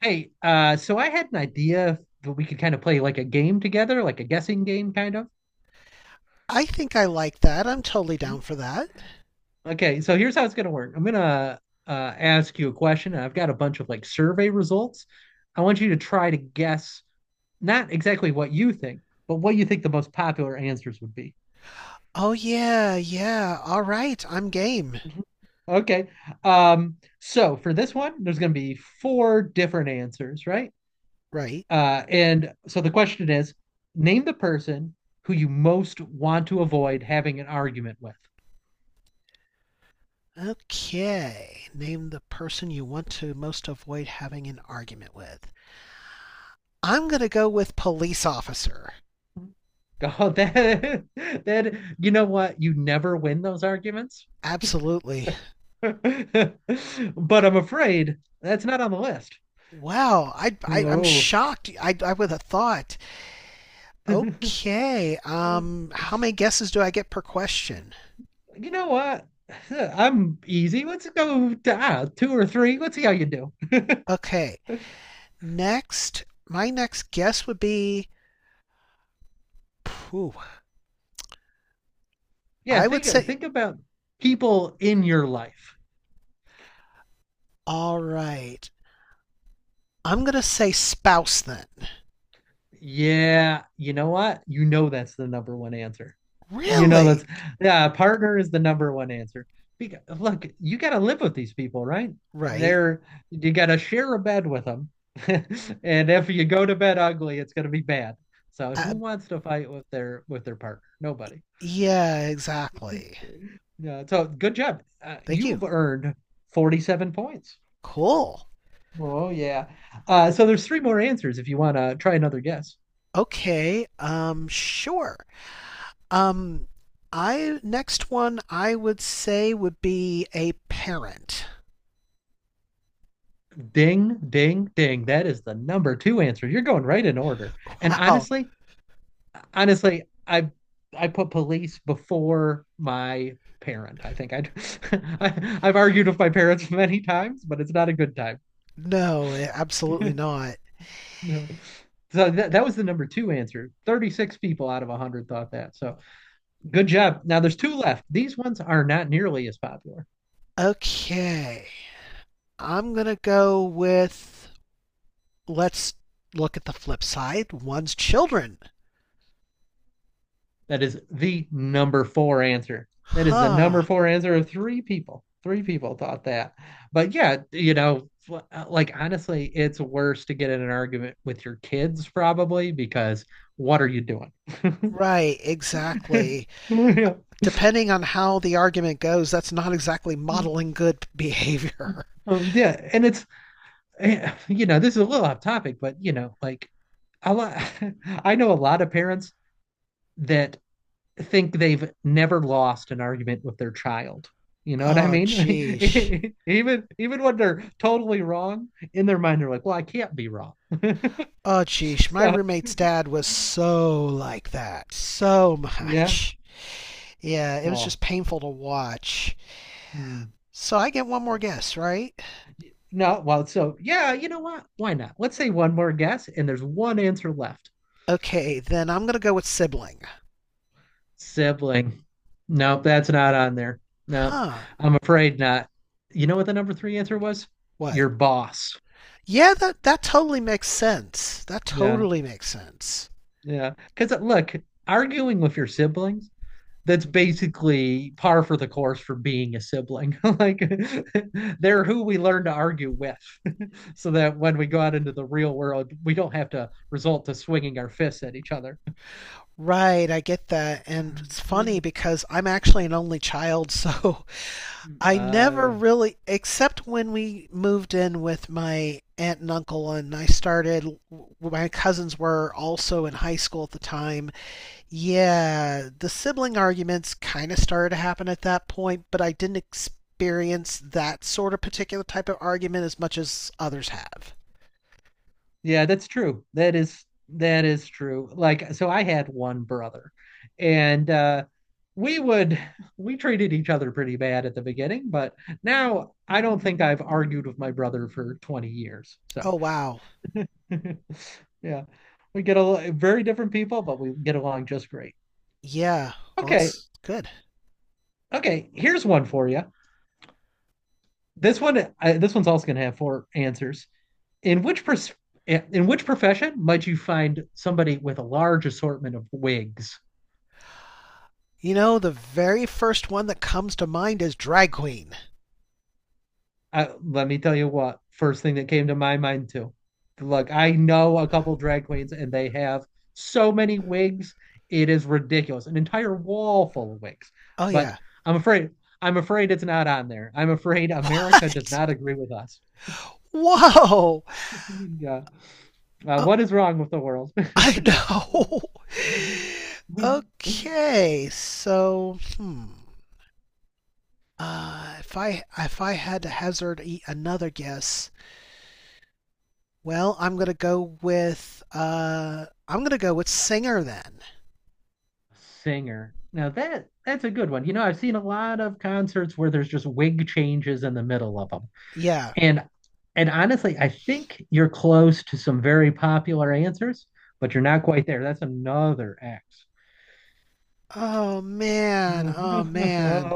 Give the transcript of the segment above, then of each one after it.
Hey, so I had an idea that we could kind of play like a game together, like a guessing game, kind of. I think I like that. I'm totally Mhm. down for that. Okay, so here's how it's gonna work. I'm gonna uh, ask you a question, and I've got a bunch of like survey results. I want you to try to guess not exactly what you think, but what you think the most popular answers would be. Oh, yeah, yeah. All right. I'm game. Mhm. Okay. So for this one, there's gonna be four different answers, right? Right. And so the question is, name the person who you most want to avoid having an argument with. Okay. Name the person you want to most avoid having an argument with. I'm going to go with police officer. Oh, that you know what? You never win those arguments. Absolutely. But I'm afraid that's not on the list. Wow. I'm Whoa. shocked. I would have thought. Okay. How many guesses do I get per question? You know what? I'm easy. Let's go to, two or three. Let's see how you do. Okay. Next, my next guess would be. Phew, Yeah, I would think say. think about people in your life. All right. I'm gonna say spouse then. Yeah, you know what? You know that's the number one answer. You know Really? that's yeah, partner is the number one answer. Because look, you got to live with these people, right? Right? They're you got to share a bed with them. And if you go to bed ugly, it's going to be bad. So Uh, who wants to fight with their partner? Nobody. yeah, exactly. Yeah, so good job. Thank you. You've earned 47 points. Cool. Oh yeah. So there's three more answers if you want to try another guess. Okay. Sure. Um, I next one I would say would be a parent. Ding, ding, ding. That is the number two answer. You're going right in order. And Wow. honestly, honestly, I put police before my parent. I think I'd, I've argued with my parents many times, but it's not a good time. No, eh, absolutely not. No. So that was the number two answer. 36 people out of 100 thought that. So good job. Now there's two left. These ones are not nearly as popular. Okay. I'm gonna go with, let's look at the flip side. One's children. That is the number four answer. That is the Huh. number four answer of three people. Three people thought that. But yeah, you know, like honestly, it's worse to get in an argument with your kids probably because what are you doing? Right, exactly. yeah. Depending on how the argument goes, that's not exactly modeling good behavior. Yeah. And you know, this is a little off topic, but you know, like a lot, I know a lot of parents that think they've never lost an argument with their child. You know what I Oh, jeez. mean? Even when they're totally wrong, in their mind they're like, "Well, I can't be wrong." Oh, jeez. My So roommate's dad was so like that. So yeah, much. Yeah, it was just well, painful to watch. mm. So I get one more guess, right? no, well, so yeah, you know what? Why not? Let's say one more guess, and there's one answer left. Okay, then I'm going to go with sibling. Sibling. Nope, that's not on there. No, Huh. I'm afraid not. You know what the number three answer was? What? Your boss. Yeah, that, that totally makes sense. That Yeah, totally makes sense. yeah. Because look, arguing with your siblings that's basically par for the course for being a sibling. like they're who we learn to argue with, so that when we go out into the real world, we don't have to resort to swinging our fists at each other. Right, I get that. And it's funny because I'm actually an only child, so I never Yeah, really, except when we moved in with my aunt and uncle, and I started, my cousins were also in high school at the time. Yeah, the sibling arguments kind of started to happen at that point, but I didn't experience that sort of particular type of argument as much as others have. yeah, that's true. That is true. Like, so I had one brother, and we would we treated each other pretty bad at the beginning, but now I don't think I've argued with my brother for 20 years. So. Oh, wow. Yeah. We get a very different people, but we get along just great. Yeah, well, Okay. it's good. Okay. Here's one for you. This one, I, this one's also going to have four answers. In which pers- in which profession might you find somebody with a large assortment of wigs? You know, the very first one that comes to mind is Drag Queen. I, let me tell you what, first thing that came to my mind too. Look, I know a couple drag queens and they have so many wigs. It is ridiculous. An entire wall full of wigs. Oh, But yeah. I'm afraid I'm afraid it's not on there. I'm afraid America does What? not agree with us. Whoa! Yeah. What is wrong with the world? I know. Okay, so hmm. If I had to hazard another guess, well, I'm gonna go with I'm gonna go with singer then. Singer. Now that's a good one. You know, I've seen a lot of concerts where there's just wig changes in the middle of them. Yeah. And and honestly, I think you're close to some very popular answers, but you're not quite there. That's another X. Oh man. Oh man.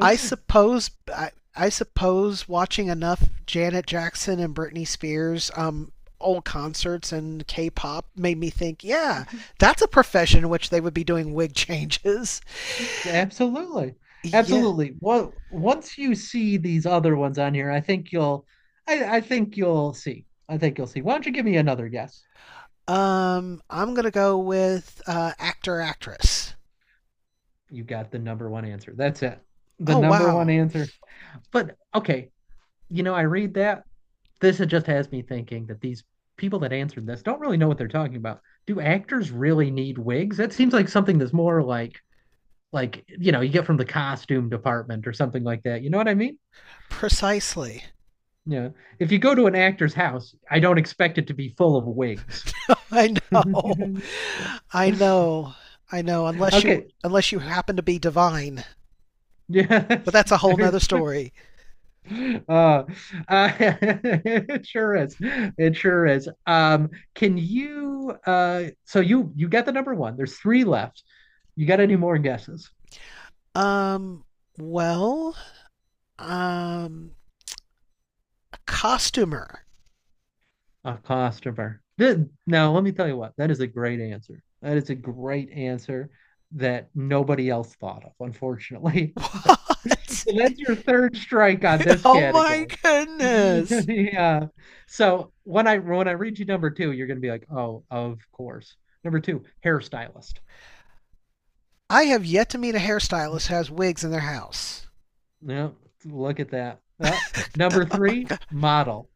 I No. suppose I, I suppose watching enough Janet Jackson and Britney Spears old concerts and K-pop made me think, yeah, that's a profession in which they would be doing wig changes. Absolutely. Yeah. Absolutely. Well, once you see these other ones on here, I think you'll see. I think you'll see. Why don't you give me another guess? I'm going to go with actor actress. You got the number one answer. That's it. The Oh number one wow. answer. But okay, you know, I read that this just has me thinking that these people that answered this don't really know what they're talking about. Do actors really need wigs? That seems like something that's more like you know you get from the costume department or something like that. You know what I mean? Precisely. Yeah. If you go to an actor's house, I don't expect it to be full of wigs. I know. I know. I know, unless you okay. unless you happen to be divine. But Yes. that's a whole There, nother story. Uh, it sure is. It sure is. Can you so you get the number one. There's three left. You got any more guesses? Um well, um, a costumer. A customer. Now, let me tell you what. That is a great answer. That is a great answer that nobody else thought of, unfortunately. What? So that's your third strike on this Oh my category. goodness. Yeah. So when I read you number two, you're gonna be like, oh, of course. Number two, hairstylist. I have yet to meet a hairstylist who has wigs in their house. No, look at that. Uh, number Oh my three, god. model.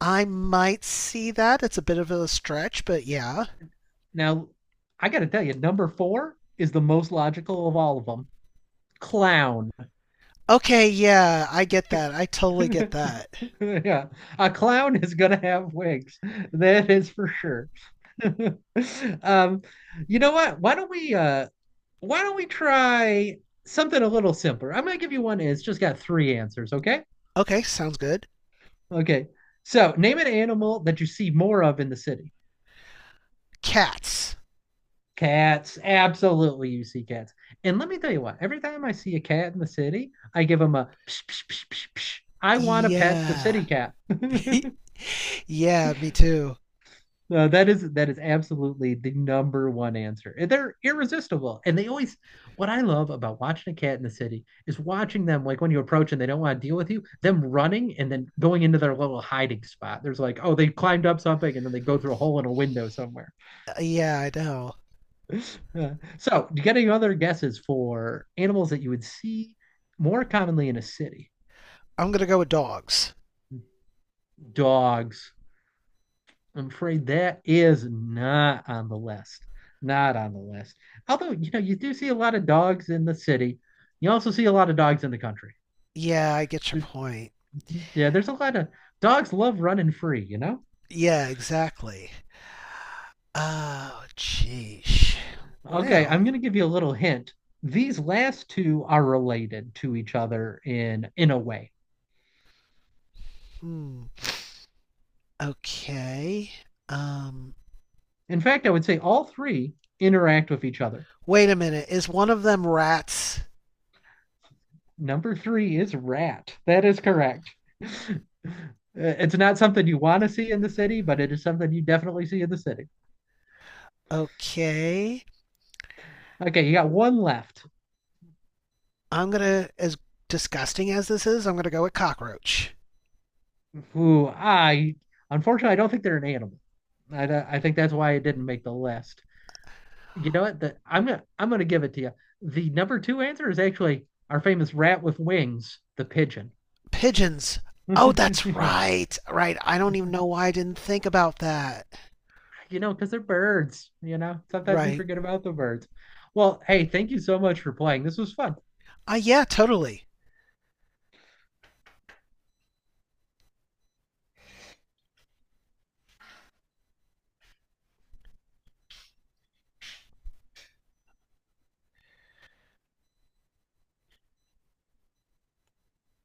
I might see that. It's a bit of a stretch, but yeah. Now, I got to tell you, number four is the most logical of all of them. Clown. Okay, yeah, I get that. I totally get that. Yeah, a clown is gonna have wigs. That is for sure. Um, you know what? Why don't we try something a little simpler? I'm gonna give you one. It's just got three answers, okay? Okay, sounds good. Okay. So name an animal that you see more of in the city. Cats. Cats, absolutely, you see cats. And let me tell you what, every time I see a cat in the city, I give them a psh, psh, psh, psh, psh. I want to pet the Yeah. city cat. Yeah, me too. No, that is absolutely the number one answer. They're irresistible. And they always what I love about watching a cat in the city is watching them like when you approach and they don't want to deal with you, them running and then going into their little hiding spot. There's like, oh, they climbed up something and then they go through a hole in a window somewhere. Yeah, I know. So, do you got any other guesses for animals that you would see more commonly in a city? I'm gonna go with dogs. Dogs. I'm afraid that is not on the list. Not on the list. Although, you know, you do see a lot of dogs in the city. You also see a lot of dogs in the country. Yeah, I get your There- point. Yeah, there's a lot of dogs love running free, you know? Yeah, exactly. Oh, jeez. Okay, Well, I'm going to give you a little hint. These last two are related to each other in a way. hmm. Okay. Um, In fact, I would say all three interact with each other. Wait a minute. Is one of them rats? Number three is rat. That is correct. It's not something you want to see in the city, but it is something you definitely see in the city. Okay. Okay, you got one left. I'm gonna, as disgusting as this is, I'm gonna go with cockroach. Who I unfortunately I don't think they're an animal. I think that's why it didn't make the list. You know what? I'm gonna give it to you. The number two answer is actually our famous rat with wings, the pigeon. Pigeons. Oh, that's Yeah. right. Right. I don't even know why I didn't think about that. You know, because they're birds. You know, sometimes we Right. forget about the birds. Well, hey, thank you so much for playing. This was fun. Ah, yeah, totally.